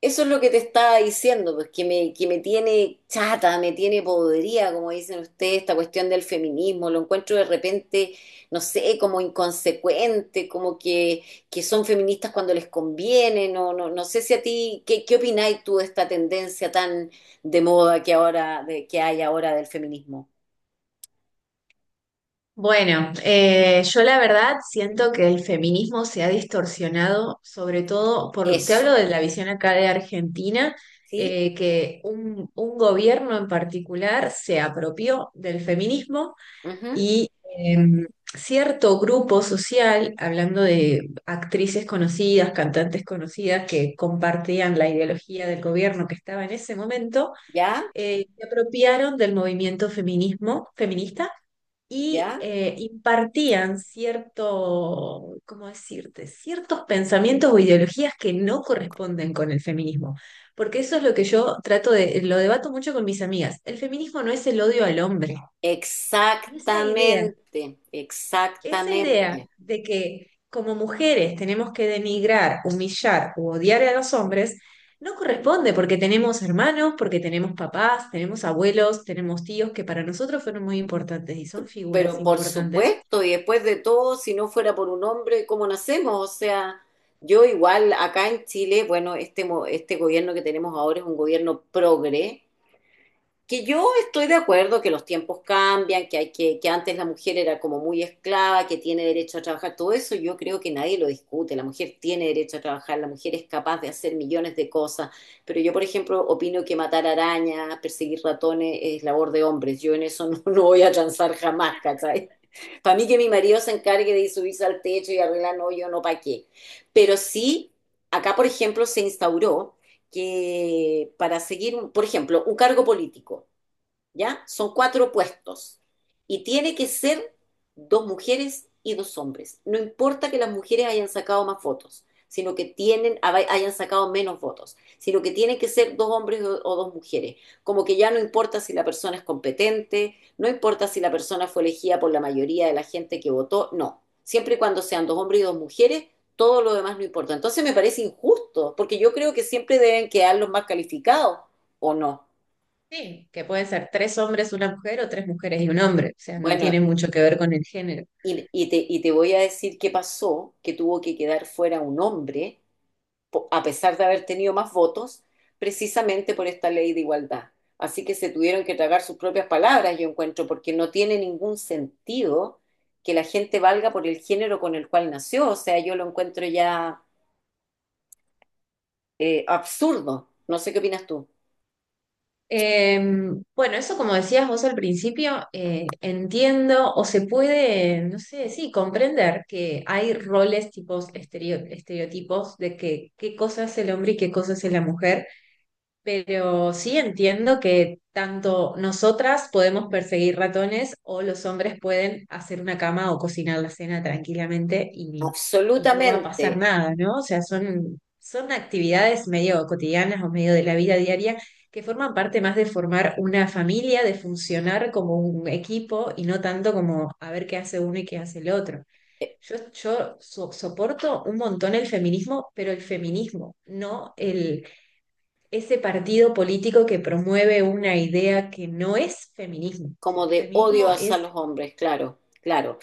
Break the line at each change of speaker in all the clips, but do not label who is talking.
Eso es lo que te estaba diciendo, pues que me tiene chata, me tiene podrida, como dicen ustedes, esta cuestión del feminismo, lo encuentro de repente, no sé, como inconsecuente, como que son feministas cuando les conviene, no, no, no sé si a ti. Qué opináis tú de esta tendencia tan de moda que ahora, que hay ahora del feminismo?
Bueno, yo la verdad siento que el feminismo se ha distorsionado, sobre todo por, te hablo
Eso.
de la visión acá de Argentina,
¿Sí?
que un gobierno en particular se apropió del feminismo
Ujú.
y em, cierto grupo social, hablando de actrices conocidas, cantantes conocidas que compartían la ideología del gobierno que estaba en ese momento,
¿Ya?
se apropiaron del movimiento feminismo, feminista y
¿Ya?
impartían cierto, ¿cómo decirte?, ciertos pensamientos o ideologías que no corresponden con el feminismo. Porque eso es lo que yo trato de, lo debato mucho con mis amigas. El feminismo no es el odio al hombre. Y
Exactamente,
esa idea
exactamente.
de que como mujeres tenemos que denigrar, humillar o odiar a los hombres, no corresponde porque tenemos hermanos, porque tenemos papás, tenemos abuelos, tenemos tíos que para nosotros fueron muy importantes y son figuras
Pero por
importantes.
supuesto, y después de todo, si no fuera por un hombre, ¿cómo nacemos? O sea, yo igual acá en Chile, bueno, este gobierno que tenemos ahora es un gobierno progre, que yo estoy de acuerdo que los tiempos cambian, que antes la mujer era como muy esclava, que tiene derecho a trabajar, todo eso yo creo que nadie lo discute, la mujer tiene derecho a trabajar, la mujer es capaz de hacer millones de cosas, pero yo por ejemplo opino que matar arañas, perseguir ratones es labor de hombres, yo en eso no, no voy a transar jamás, ¿cachai? Para mí que mi marido se encargue de ir subirse al techo y arreglar, no, yo no, ¿para qué? Pero sí, acá por ejemplo se instauró que para seguir, por ejemplo, un cargo político, ¿ya? Son cuatro puestos y tiene que ser dos mujeres y dos hombres. No importa que las mujeres hayan sacado más votos, sino que tienen, hayan sacado menos votos, sino que tienen que ser dos hombres o dos mujeres. Como que ya no importa si la persona es competente, no importa si la persona fue elegida por la mayoría de la gente que votó, no. Siempre y cuando sean dos hombres y dos mujeres, todo lo demás no importa. Entonces me parece injusto, porque yo creo que siempre deben quedar los más calificados, ¿o no?
Sí, que pueden ser tres hombres, una mujer o tres mujeres y un hombre, o sea, no
Bueno,
tiene mucho que ver con el género.
y te voy a decir qué pasó, que tuvo que quedar fuera un hombre, a pesar de haber tenido más votos, precisamente por esta ley de igualdad. Así que se tuvieron que tragar sus propias palabras, yo encuentro, porque no tiene ningún sentido que la gente valga por el género con el cual nació. O sea, yo lo encuentro ya absurdo. No sé qué opinas tú.
Eh, bueno, eso como decías vos al principio, entiendo o se puede, no sé, sí, comprender que hay roles, tipos, estereotipos de que qué cosa es el hombre y qué cosa es la mujer. Pero sí entiendo que tanto nosotras podemos perseguir ratones o los hombres pueden hacer una cama o cocinar la cena tranquilamente y no va a
Absolutamente,
pasar nada, ¿no? O sea, son actividades medio cotidianas o medio de la vida diaria que forman parte más de formar una familia, de funcionar como un equipo y no tanto como a ver qué hace uno y qué hace el otro.
eh,
Yo soporto un montón el feminismo, pero el feminismo, no el ese partido político que promueve una idea que no es feminismo. O sea,
como
el
de odio
feminismo
hacia los hombres, claro, claro.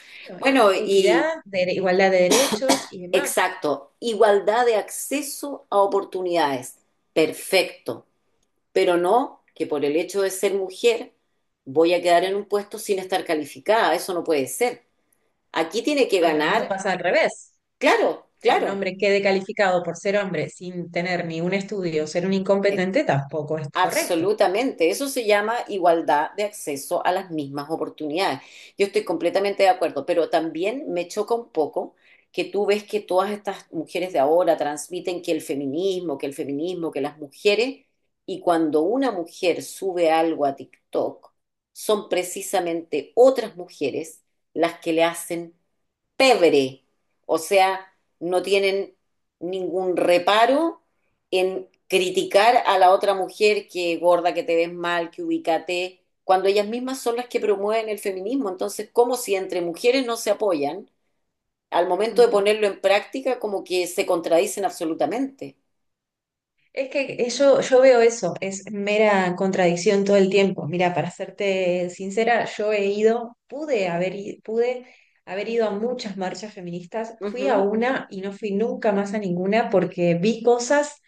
es
Bueno,
equidad,
y...
igualdad de derechos y demás.
Exacto, igualdad de acceso a oportunidades. Perfecto, pero no que por el hecho de ser mujer voy a quedar en un puesto sin estar calificada, eso no puede ser. Aquí tiene que
No, y lo mismo
ganar,
pasa al revés,
claro,
que un
claro.
hombre quede calificado por ser hombre sin tener ni un estudio, ser un incompetente, tampoco es correcto.
Absolutamente, eso se llama igualdad de acceso a las mismas oportunidades. Yo estoy completamente de acuerdo, pero también me choca un poco que tú ves que todas estas mujeres de ahora transmiten que el feminismo, que el feminismo, que las mujeres, y cuando una mujer sube algo a TikTok, son precisamente otras mujeres las que le hacen pebre, o sea, no tienen ningún reparo en criticar a la otra mujer que gorda, que te ves mal, que ubicate, cuando ellas mismas son las que promueven el feminismo. Entonces, como si entre mujeres no se apoyan, al momento de
Mm.
ponerlo en práctica, como que se contradicen absolutamente.
Es que eso, yo veo eso, es mera contradicción todo el tiempo. Mira, para serte sincera, yo he ido, pude haber, pude haber ido a muchas marchas feministas, fui a
Ujú.
una y no fui nunca más a ninguna porque vi cosas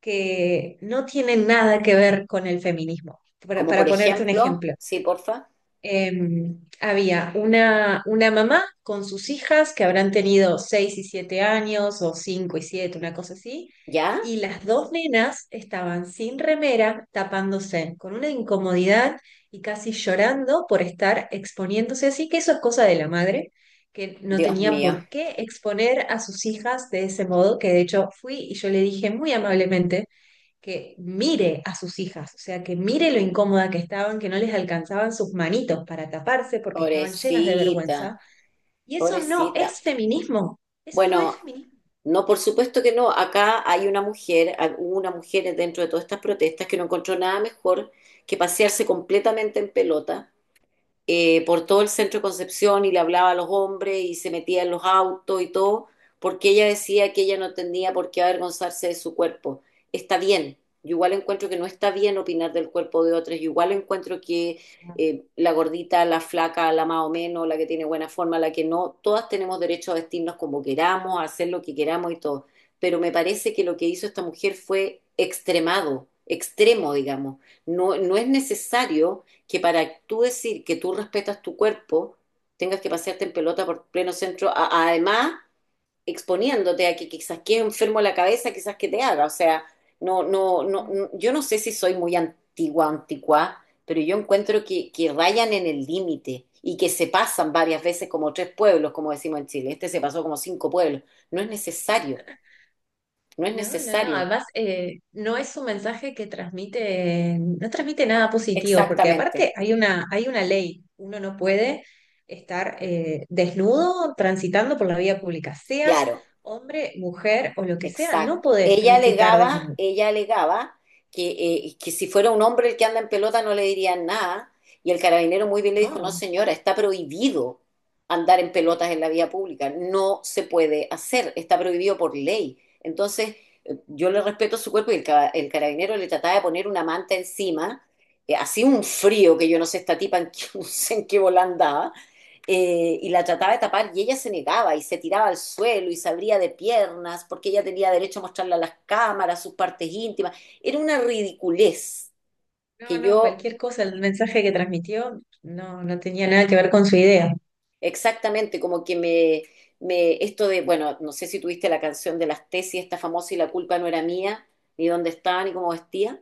que no tienen nada que ver con el feminismo. Para,
Como
para
por
ponerte un
ejemplo,
ejemplo,
sí, porfa.
había una mamá con sus hijas que habrán tenido 6 y 7 años o 5 y siete, una cosa así,
¿Ya?
y las dos nenas estaban sin remera, tapándose, con una incomodidad y casi llorando por estar exponiéndose así, que eso es cosa de la madre, que no
Dios
tenía
mío,
por qué exponer a sus hijas de ese modo, que de hecho fui y yo le dije muy amablemente que mire a sus hijas, o sea, que mire lo incómoda que estaban, que no les alcanzaban sus manitos para taparse porque estaban llenas de
pobrecita,
vergüenza. Y eso no
pobrecita.
es feminismo, eso no es
Bueno,
feminismo.
no, por supuesto que no. Acá hay una mujer, hubo una mujer dentro de todas estas protestas que no encontró nada mejor que pasearse completamente en pelota por todo el centro de Concepción y le hablaba a los hombres y se metía en los autos y todo, porque ella decía que ella no tenía por qué avergonzarse de su cuerpo. Está bien, yo igual encuentro que no está bien opinar del cuerpo de otros, yo igual encuentro que la gordita, la flaca, la más o menos, la que tiene buena forma, la que no, todas tenemos derecho a vestirnos como queramos, a hacer lo que queramos y todo. Pero me parece que lo que hizo esta mujer fue extremado, extremo, digamos. No, no es necesario que para tú decir que tú respetas tu cuerpo, tengas que pasearte en pelota por pleno centro, además exponiéndote a que quizás quede enfermo la cabeza, quizás que te haga. O sea, no, no, no,
Mm.
yo no sé si soy muy antigua, anticuá, pero yo encuentro que rayan en el límite y que se pasan varias veces como tres pueblos, como decimos en Chile. Este se pasó como cinco pueblos. No es necesario, no es
No, no, no.
necesario.
Además, no es un mensaje que transmite, no transmite nada positivo, porque
Exactamente,
aparte hay una ley. Uno no puede estar desnudo transitando por la vía pública, seas
claro.
hombre, mujer o lo que sea, no
Exacto.
podés transitar desnudo.
Ella alegaba que si fuera un hombre el que anda en pelota no le dirían nada. Y el carabinero muy bien le dijo, no
No,
señora, está prohibido andar en
claro.
pelotas en la vía pública. No se puede hacer, está prohibido por ley. Entonces, yo le respeto su cuerpo y el carabinero le trataba de poner una manta encima. Hacía un frío que yo no sé esta tipa en qué, no sé en qué bola andaba y la trataba de tapar y ella se negaba y se tiraba al suelo y se abría de piernas porque ella tenía derecho a mostrarle a las cámaras sus partes íntimas. Era una ridiculez
No,
que
no,
yo
cualquier cosa, el mensaje que transmitió no, no tenía nada que ver con su idea.
exactamente como que me, esto de, bueno, no sé si tuviste la canción de las tesis, esta famosa, y la culpa no era mía, ni dónde estaba, ni cómo vestía.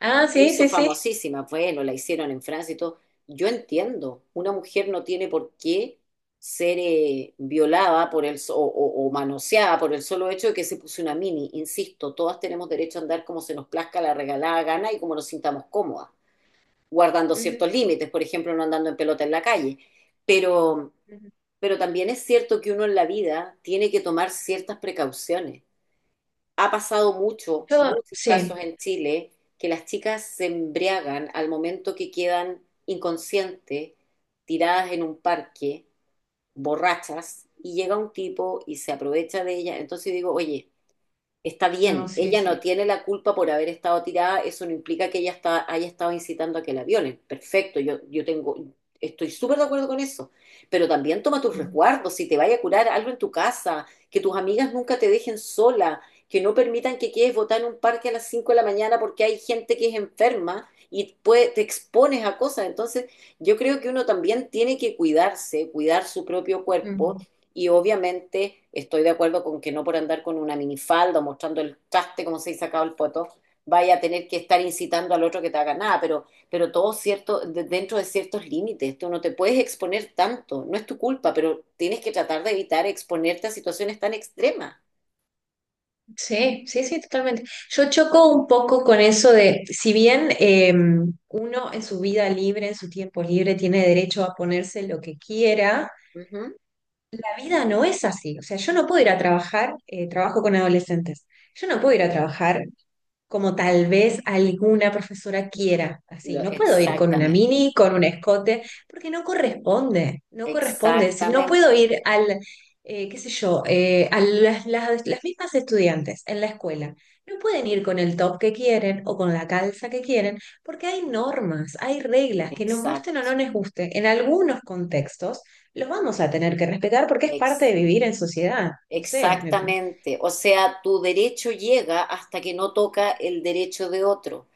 Ah,
Se
sí,
hizo
sí, sí.
famosísima, bueno, la hicieron en Francia y todo. Yo entiendo, una mujer no tiene por qué ser violada por el, so- o manoseada por el solo hecho de que se puso una mini. Insisto, todas tenemos derecho a andar como se nos plazca la regalada gana y como nos sintamos cómodas, guardando
Ujú,
ciertos límites, por ejemplo, no andando en pelota en la calle. Pero,
ujú.
pero también es cierto que uno en la vida tiene que tomar ciertas precauciones. Ha pasado
Yo,
muchos casos
sí.
en Chile que las chicas se embriagan al momento que quedan inconscientes, tiradas en un parque, borrachas, y llega un tipo y se aprovecha de ellas. Entonces digo, oye, está
No,
bien,
sí,
ella
sí.
no tiene la culpa por haber estado tirada, eso no implica que ella haya estado incitando a que la violen. Perfecto, yo tengo, estoy súper de acuerdo con eso. Pero también toma tus
Ujú,
resguardos, si te vaya a curar algo en tu casa, que tus amigas nunca te dejen sola, que no permitan que quedes botada en un parque a las 5 de la mañana porque hay gente que es enferma y te expones a cosas. Entonces, yo creo que uno también tiene que cuidarse, cuidar su propio
ujú.
cuerpo y obviamente estoy de acuerdo con que no por andar con una minifalda o mostrando el traste, como se dice sacado el poto, vaya a tener que estar incitando al otro que te haga nada, pero todo cierto, dentro de ciertos límites, tú no te puedes exponer tanto, no es tu culpa, pero tienes que tratar de evitar exponerte a situaciones tan extremas.
Sí, sí, sí, totalmente. Yo choco un poco con eso de, si bien uno en su vida libre, en su tiempo libre, tiene derecho a ponerse lo que quiera,
Ujú.
la vida no es así. O sea, yo no puedo ir a trabajar, trabajo con adolescentes, yo no puedo ir a trabajar como tal vez alguna profesora quiera, así. No puedo ir con una
Exactamente,
mini, con un escote, porque no corresponde, no corresponde. Si no puedo
exactamente,
ir al, qué sé yo, a las mismas estudiantes en la escuela. No pueden ir con el top que quieren o con la calza que quieren, porque hay normas, hay reglas que nos gusten o
exacto,
no nos gusten. En algunos contextos los vamos a tener que respetar porque es parte
ex-
de vivir en sociedad. No sé.
exactamente. O sea, tu derecho llega hasta que no toca el derecho de otro,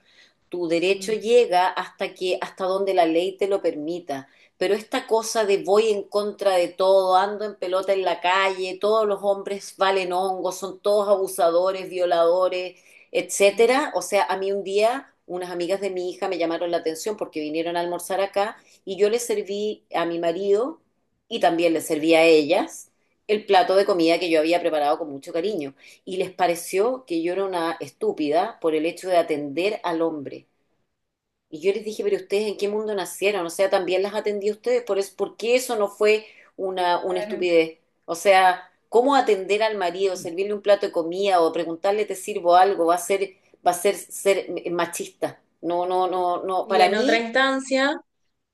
tu derecho
mm,
llega hasta que, hasta donde la ley te lo permita. Pero esta cosa de voy en contra de todo, ando en pelota en la calle, todos los hombres valen hongos, son todos abusadores, violadores, etcétera. O sea, a mí un día unas amigas de mi hija me llamaron la atención porque vinieron a almorzar acá y yo les serví a mi marido y también les serví a ellas el plato de comida que yo había preparado con mucho cariño y les pareció que yo era una estúpida por el hecho de atender al hombre. Y yo les dije, pero ustedes en qué mundo nacieron, o sea, también las atendí a ustedes, por eso, ¿por qué eso no fue una
Claro.
estupidez? O sea, ¿cómo atender al marido,
Y,
servirle un plato de comida o preguntarle te sirvo algo va a ser machista? No, no, no, no,
y
para
en otra
mí,
instancia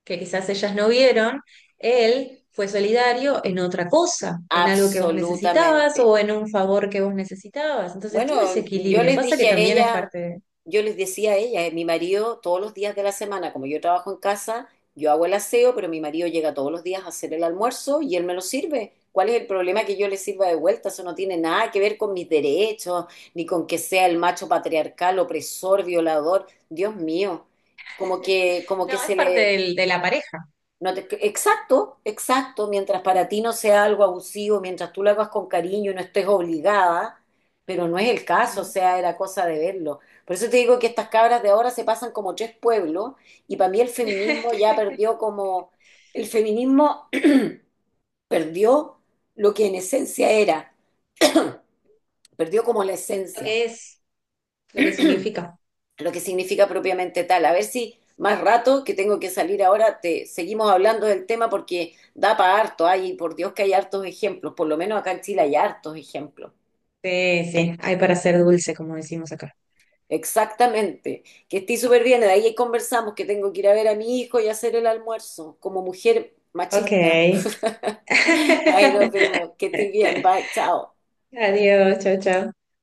que quizás ellas no vieron, él fue solidario en otra cosa, en algo que vos necesitabas
absolutamente.
o en un favor que vos necesitabas. Entonces, todo ese
Bueno, yo
equilibrio
les
pasa que
dije a
también es
ella,
parte de...
yo les decía a ella, mi marido todos los días de la semana, como yo trabajo en casa, yo hago el aseo, pero mi marido llega todos los días a hacer el almuerzo y él me lo sirve. ¿Cuál es el problema que yo le sirva de vuelta? Eso no tiene nada que ver con mis derechos, ni con que sea el macho patriarcal, opresor, violador. Dios mío, como que
No, es
se
parte
le,
de la pareja.
no te- exacto, exacto, mientras para ti no sea algo abusivo, mientras tú lo hagas con cariño y no estés obligada, pero no es el caso, o
Ujú.
sea, era cosa de verlo. Por eso te digo que estas cabras de ahora se pasan como tres pueblos y para mí el feminismo ya perdió como, el feminismo perdió lo que en esencia era, perdió como la
Lo
esencia.
que es, lo que significa.
Lo que significa propiamente tal. A ver si más rato, que tengo que salir ahora, te seguimos hablando del tema porque da para harto. Ay, por Dios que hay hartos ejemplos, por lo menos acá en Chile hay hartos ejemplos.
Sí, sí, hay para ser dulce, como decimos acá.
Exactamente, que estoy súper bien, de ahí conversamos que tengo que ir a ver a mi hijo y hacer el almuerzo como mujer
Ok.
machista. Ahí nos vimos, que estés bien, bye, chao.
Adiós, chao, chao.